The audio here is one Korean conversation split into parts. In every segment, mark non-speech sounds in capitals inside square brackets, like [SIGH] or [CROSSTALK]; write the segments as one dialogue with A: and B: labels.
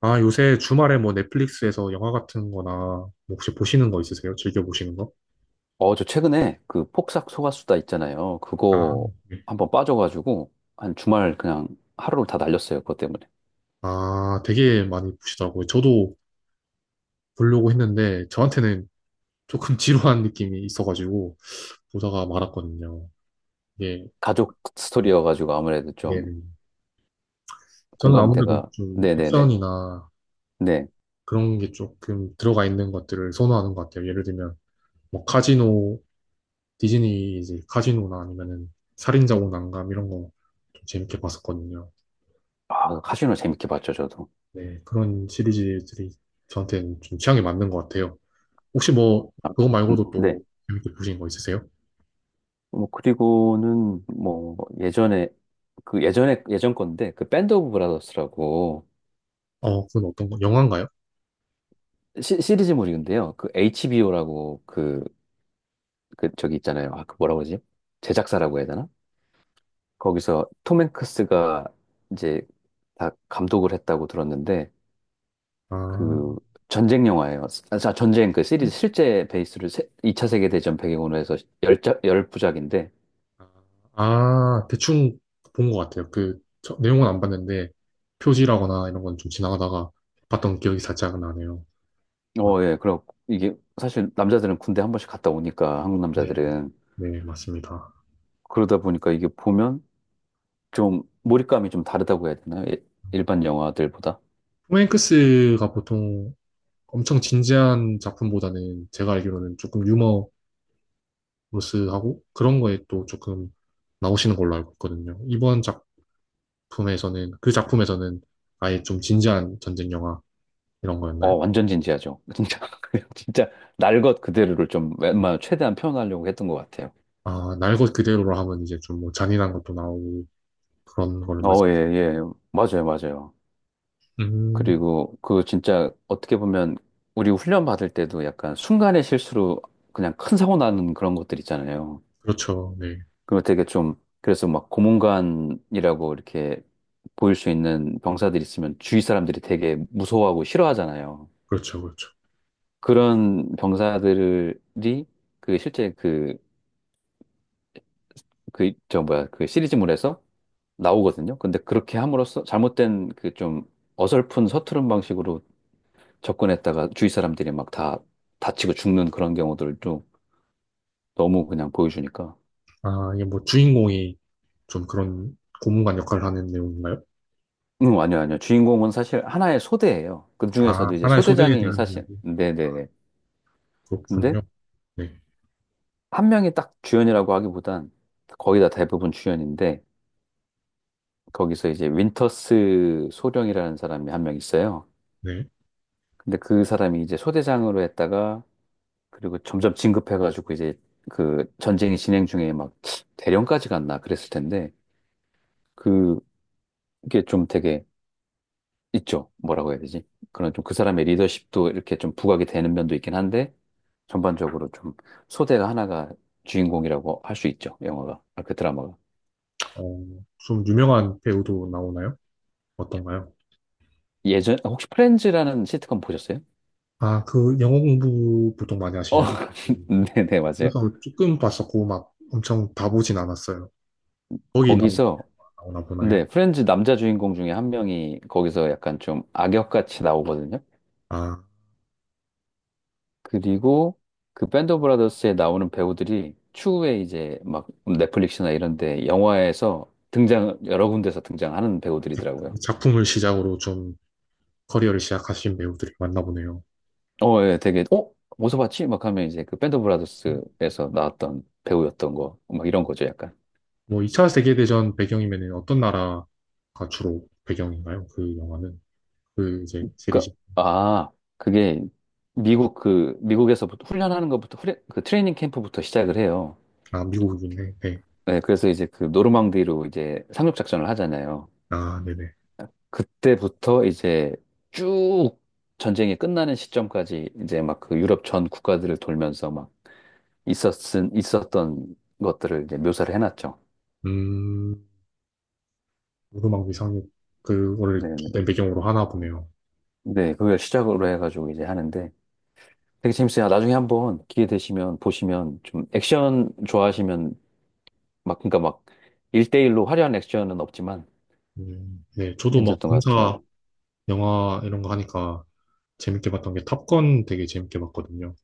A: 아, 요새 주말에 뭐 넷플릭스에서 영화 같은 거나 뭐 혹시 보시는 거 있으세요? 즐겨 보시는 거?
B: 어, 저 최근에 그 폭삭 소가수다 있잖아요.
A: 아,
B: 그거
A: 네.
B: 한번 빠져가지고 한 주말 그냥 하루를 다 날렸어요. 그것 때문에.
A: 아, 되게 많이 보시더라고요. 저도 보려고 했는데 저한테는 조금 [LAUGHS] 지루한 느낌이 있어가지고 보다가 말았거든요. 예,
B: 가족 스토리여가지고 아무래도 좀
A: 예. 저는 아무래도
B: 공감대가.
A: 좀
B: 네네네.
A: 액션이나
B: 네.
A: 그런 게 조금 들어가 있는 것들을 선호하는 것 같아요. 예를 들면 뭐 카지노, 디즈니 이제 카지노나 아니면은 살인자 오난감 이런 거 좀 재밌게 봤었거든요.
B: 아, 카지노 재밌게 봤죠, 저도.
A: 네, 그런 시리즈들이 저한테는 좀 취향에 맞는 것 같아요. 혹시 뭐, 그거 말고도
B: 네.
A: 또 재밌게 보신 거 있으세요?
B: 뭐, 그리고는 뭐, 예전에, 그 예전에, 예전 건데, 그 밴드 오브 브라더스라고
A: 어, 그건 어떤 거, 영화인가요?
B: 시리즈물인데요. 그 HBO라고 그, 그 저기 있잖아요. 아, 그 뭐라고 그러지? 제작사라고 해야 되나? 거기서 톰 행크스가 이제 다 감독을 했다고 들었는데
A: 아,
B: 그 전쟁 영화예요. 아, 자, 전쟁 그 시리즈 실제 베이스를 2차 세계 대전 배경으로 해서 열자 열부작인데
A: 아, 아, 대충 본 것 같아요. 그, 저, 내용은 안 봤는데, 표지라거나 이런 건 좀 지나가다가 봤던 기억이 살짝 나네요. 아,
B: 어, 예. 그럼 이게 사실 남자들은 군대 한 번씩 갔다 오니까 한국
A: 네,
B: 남자들은
A: 네, 맞습니다.
B: 그러다 보니까 이게 보면 좀 몰입감이 좀 다르다고 해야 되나요? 예, 일반 영화들보다.
A: 톰 행크스가 보통 엄청 진지한 작품보다는 제가 알기로는 조금 유머러스하고 그런 거에 또 조금 나오시는 걸로 알고 있거든요. 이번 작, 작품에서는 그 작품에서는 아예 좀 진지한 전쟁 영화 이런
B: 어,
A: 거였나요?
B: 완전 진지하죠. [LAUGHS] 진짜 그냥 진짜 날 것 그대로를 좀 웬만하면 최대한 표현하려고 했던 것 같아요.
A: 아, 날 것 그대로로 하면 이제 좀 뭐 잔인한 것도 나오고 그런 거를 말씀.
B: 어, 예, 예. 맞아요, 맞아요.
A: 음,
B: 그리고 그 진짜 어떻게 보면 우리 훈련 받을 때도 약간 순간의 실수로 그냥 큰 사고 나는 그런 것들 있잖아요.
A: 그렇죠. 네.
B: 그걸 되게 좀, 그래서 막 고문관이라고 이렇게 보일 수 있는 병사들 있으면 주위 사람들이 되게 무서워하고 싫어하잖아요.
A: 그렇죠. 그렇죠.
B: 그런 병사들이 그 실제 그, 그, 저 뭐야, 그 시리즈물에서 나오거든요. 근데 그렇게 함으로써 잘못된 그 좀 어설픈 서투른 방식으로 접근했다가 주위 사람들이 막 다 다치고 죽는 그런 경우들도 너무 그냥 보여주니까.
A: 아, 이게 뭐 주인공이 좀 그런 고문관 역할을 하는 내용인가요?
B: 응, 아니요, 아니요. 주인공은 사실 하나의 소대예요. 그
A: 아,
B: 중에서도 이제
A: 하나의 소대에
B: 소대장이
A: 대한
B: 사실,
A: 이야기.
B: 네네네. 근데
A: 그렇군요. 네.
B: 한 명이 딱 주연이라고 하기보단 거의 다 대부분 주연인데, 거기서 이제 윈터스 소령이라는 사람이 한 명 있어요.
A: 네.
B: 근데 그 사람이 이제 소대장으로 했다가, 그리고 점점 진급해가지고 이제 그 전쟁이 진행 중에 막 대령까지 갔나 그랬을 텐데, 그게 좀 되게 있죠. 뭐라고 해야 되지? 그런 좀 그 사람의 리더십도 이렇게 좀 부각이 되는 면도 있긴 한데, 전반적으로 좀 소재가 하나가 주인공이라고 할 수 있죠. 영화가. 아, 그 드라마가.
A: 어, 좀 유명한 배우도 나오나요? 어떤가요?
B: 예전, 아, 혹시 프렌즈라는 시트콤 보셨어요?
A: 아, 그 영어 공부 보통 많이
B: 어,
A: 하시잖아요.
B: [LAUGHS]
A: 음,
B: 네네, 맞아요.
A: 그래서 조금 봤었고 막 엄청 다 보진 않았어요. 거기 나
B: 거기서,
A: 나오나 보나요?
B: 네, 프렌즈 남자 주인공 중에 한 명이 거기서 약간 좀 악역같이 나오거든요.
A: 아,
B: 그리고 그 밴드 오브 브라더스에 나오는 배우들이 추후에 이제 막 넷플릭스나 이런 데 영화에서 등장, 여러 군데서 등장하는 배우들이더라고요.
A: 작품을 시작으로 좀 커리어를 시작하신 배우들이 많나 보네요.
B: 어, 예, 되게, 어? 어디서 봤지? 막 하면 이제 그 밴드 오브 브라더스에서 나왔던 배우였던 거, 막 이런 거죠, 약간.
A: 뭐 2차 세계대전 배경이면 어떤 나라가 주로 배경인가요? 그 영화는? 그 이제
B: 그,
A: 시리즈.
B: 아, 그게 미국 그, 미국에서부터 훈련하는 것부터, 그 트레이닝 캠프부터 시작을 해요.
A: 아, 미국이네. 네.
B: 네, 그래서 이제 그 노르망디로 이제 상륙작전을 하잖아요.
A: 아, 네네.
B: 그때부터 이제 쭉 전쟁이 끝나는 시점까지 이제 막 그 유럽 전 국가들을 돌면서 막 있었던 것들을 이제 묘사를 해놨죠.
A: 음, 오르막 위상이
B: 네,
A: 그거를
B: 네,
A: 주된 배경으로 하나 보네요.
B: 네, 그걸 시작으로 해가지고 이제 하는데, 되게 재밌어요. 아, 나중에 한번 기회 되시면 보시면 좀 액션 좋아하시면 막 그러니까 막일대일로 화려한 액션은 없지만
A: 네. 저도 막
B: 괜찮던 것 같아요.
A: 군사 영화 이런 거 하니까 재밌게 봤던 게 탑건 되게 재밌게 봤거든요.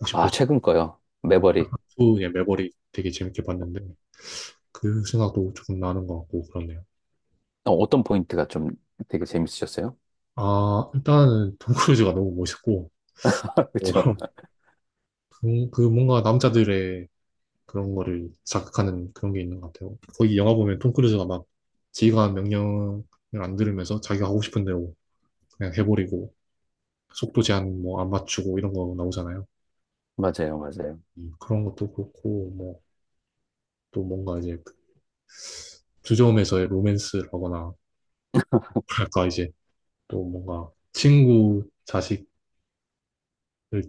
A: 혹시
B: 아,
A: 보셨
B: 최근 거요. 매버릭.
A: 예, 매버릭 되게 재밌게 봤는데 그 생각도 조금 나는 것 같고 그렇네요.
B: 어, 어떤 포인트가 좀 되게 재밌으셨어요?
A: 아, 일단은 톰 크루즈가 너무 멋있고
B: [LAUGHS] 그쵸?
A: 어, 그 뭔가 남자들의 그런 거를 자극하는 그런 게 있는 것 같아요. 거기 영화 보면 톰 크루즈가 막 지휘관 명령을 안 들으면서 자기가 하고 싶은 대로 그냥 해버리고 속도 제한 뭐 안 맞추고 이런 거 나오잖아요.
B: 맞아요, 맞아요.
A: 그런 것도 그렇고 뭐 또 뭔가 이제 그 주점에서의 로맨스라거나 뭐랄까 이제 또 뭔가 친구 자식을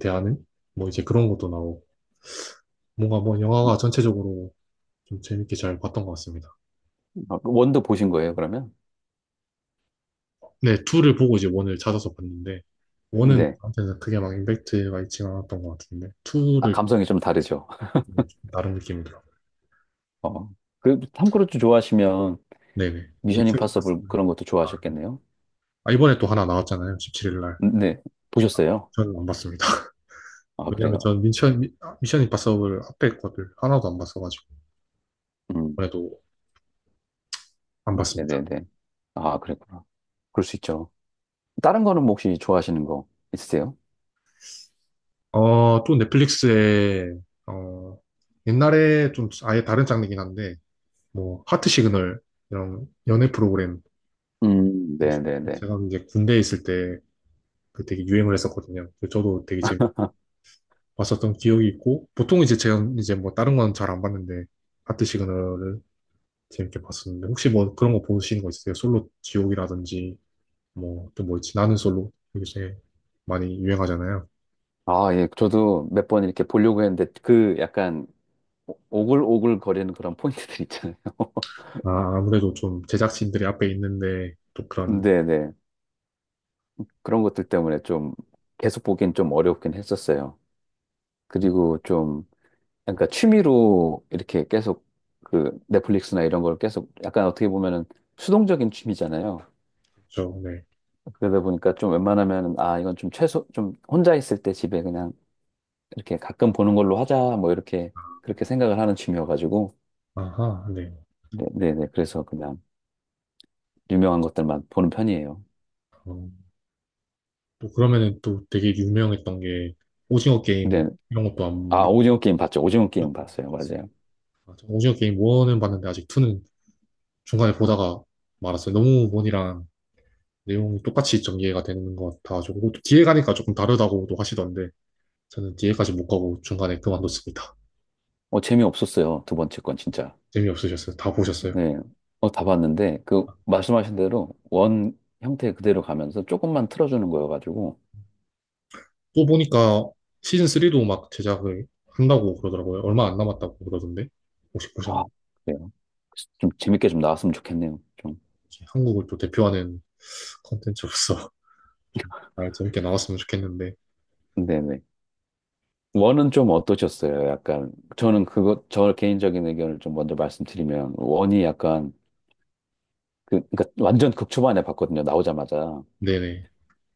A: 대하는 뭐 이제 그런 것도 나오고 뭔가 뭐 영화가 전체적으로 좀 재밌게 잘 봤던 것 같습니다.
B: 아, 원도 보신 거예요, 그러면?
A: 네, 2를 보고 이제 1을 찾아서 봤는데, 1은
B: 네.
A: 저한테는 그게 막 임팩트가 있지 않았던 것 같은데,
B: 아,
A: 2를
B: 감성이 좀 다르죠.
A: 나름 느낌이더라고요.
B: 어. 그, 탐 크루즈 좋아하시면
A: 네네.
B: 미션
A: 미션
B: 임파서블
A: 봤습니다.
B: 그런 것도
A: 아,
B: 좋아하셨겠네요?
A: 아, 이번에 또 하나 나왔잖아요. 17일 날.
B: 네. 보셨어요?
A: 저는 안 봤습니다. [LAUGHS]
B: 아,
A: 왜냐면
B: 그래요?
A: 전 미션, 미, 션 임파서블 앞에 것들 하나도 안 봤어가지고,
B: 음,
A: 이번에도 안 봤습니다.
B: 네네네. 아, 그랬구나. 그럴 수 있죠. 다른 거는 뭐 혹시 좋아하시는 거 있으세요?
A: 또 넷플릭스에, 어, 옛날에 좀 아예 다른 장르긴 한데, 뭐, 하트 시그널, 이런 연애 프로그램
B: 네네네.
A: 제가 이제 군대에 있을 때 그 되게 유행을 했었거든요. 그 저도 되게 재밌 봤었던 기억이 있고 보통 이제 제가 이제 뭐 다른 건 잘 안 봤는데 하트 시그널을 재밌게 봤었는데 혹시 뭐 그런 거 보시는 거 있으세요? 솔로 지옥이라든지 뭐 또 뭐 있지? 나는 솔로 요새 많이 유행하잖아요.
B: 아, 예, 저도 몇 번 이렇게 보려고 했는데, 그 약간 오글오글 거리는 그런 포인트들 있잖아요. [LAUGHS]
A: 아, 아무래도 좀 제작진들이 앞에 있는데 또 그런.
B: 네네. 그런 것들 때문에 좀 계속 보긴 좀 어렵긴 했었어요.
A: 음,
B: 그리고 좀, 그러니까 취미로 이렇게 계속 그 넷플릭스나 이런 걸 계속 약간 어떻게 보면은 수동적인 취미잖아요.
A: 그렇죠. 네.
B: 그러다 보니까 좀 웬만하면, 아, 이건 좀 최소, 좀 혼자 있을 때 집에 그냥 이렇게 가끔 보는 걸로 하자, 뭐 이렇게 그렇게 생각을 하는 취미여가지고,
A: 아하, 네.
B: 네, 네, 네. 그래서 그냥 유명한 것들만 보는 편이에요.
A: 어, 또 그러면은 또 되게 유명했던 게 오징어
B: 근데
A: 게임 이런 것도 안
B: 아 오징어 게임 봤죠? 오징어 게임 봤어요,
A: 보셨어요?
B: 맞아요.
A: 아, 저 오징어 게임 1은 봤는데 아직 2는 중간에 보다가 말았어요. 너무 원이랑 내용이 똑같이 좀 이해가 되는 것 같아가지고 또 뒤에 가니까 조금 다르다고도 하시던데 저는 뒤에까지 못 가고 중간에 그만뒀습니다.
B: 어 재미없었어요, 두 번째 건 진짜.
A: 재미없으셨어요? 다 보셨어요?
B: 네, 어다 봤는데 그 말씀하신 대로 원 형태 그대로 가면서 조금만 틀어주는 거여가지고,
A: 또 보니까 시즌 3도 막 제작을 한다고 그러더라고요. 얼마 안 남았다고 그러던데 혹시
B: 아
A: 보셨나요?
B: 그래요. 좀 재밌게 좀 나왔으면 좋겠네요. 좀.
A: 이 한국을 또 대표하는 컨텐츠로서 [LAUGHS] 좀 잘 재밌게 나왔으면 좋겠는데.
B: 네네. 원은 좀 어떠셨어요? 약간 저는 그거 저 개인적인 의견을 좀 먼저 말씀드리면 원이 약간 그, 그러니까 완전 극초반에 봤거든요. 나오자마자.
A: 네네.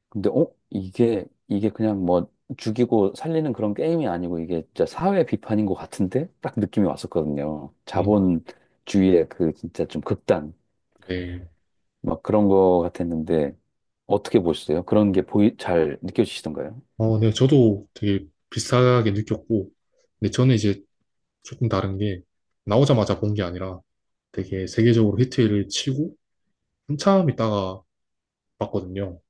B: 근데 어 이게 그냥 뭐 죽이고 살리는 그런 게임이 아니고 이게 진짜 사회 비판인 것 같은데 딱 느낌이 왔었거든요.
A: 음,
B: 자본주의의 그 진짜 좀 극단
A: 네.
B: 막 그런 거 같았는데 어떻게 보셨어요? 그런 게 보이 잘 느껴지시던가요?
A: 어, 네, 저도 되게 비슷하게 느꼈고, 근데 저는 이제 조금 다른 게, 나오자마자 본 게 아니라 되게 세계적으로 히트를 치고 한참 있다가 봤거든요.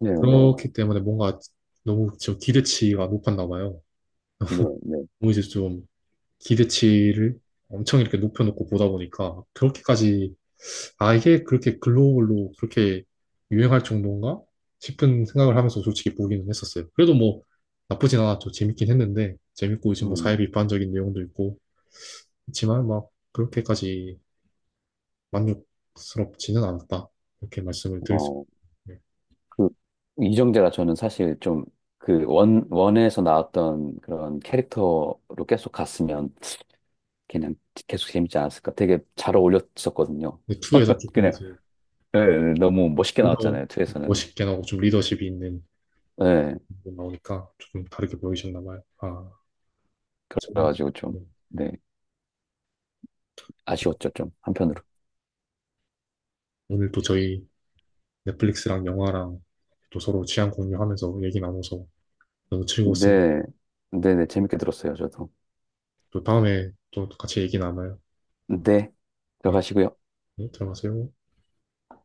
B: 네네
A: 그렇기 때문에 뭔가 너무 저 기대치가 높았나 봐요.
B: 네네
A: 너무 이제 좀 기대치를 엄청 이렇게 높여놓고 보다 보니까 그렇게까지, 아, 이게 그렇게 글로벌로 그렇게 유행할 정도인가? 싶은 생각을 하면서 솔직히 보기는 했었어요. 그래도 뭐 나쁘진 않았죠. 재밌긴 했는데, 재밌고 이제 뭐
B: 음,
A: 사회 비판적인 내용도 있고, 그렇지만 막 그렇게까지 만족스럽지는 않았다. 이렇게 말씀을 드릴 수 있
B: 어,
A: 어요
B: 그 이정재가 저는 사실 좀 그 원 원에서 나왔던 그런 캐릭터로 계속 갔으면 그냥 계속 재밌지 않았을까. 되게 잘 어울렸었거든요.
A: 근데 2에서 조금
B: 그냥
A: 이제
B: 예, 예, 너무 멋있게
A: 리더
B: 나왔잖아요. 투에서는
A: 멋있게 나오고 좀 리더십이 있는
B: 예.
A: 부분 나오니까 조금 다르게 보이셨나 봐요. 아, 저희,
B: 그래가지고 좀,
A: 네.
B: 네. 아쉬웠죠. 좀 한편으로.
A: 오늘 또 저희 넷플릭스랑 영화랑 또 서로 취향 공유하면서 얘기 나눠서 너무 즐거웠습니다.
B: 네. 네네. 재밌게 들었어요. 저도.
A: 또 다음에 또 같이 얘기 나눠요.
B: 네.
A: 네,
B: 들어가시고요.
A: 네, 들어가세요.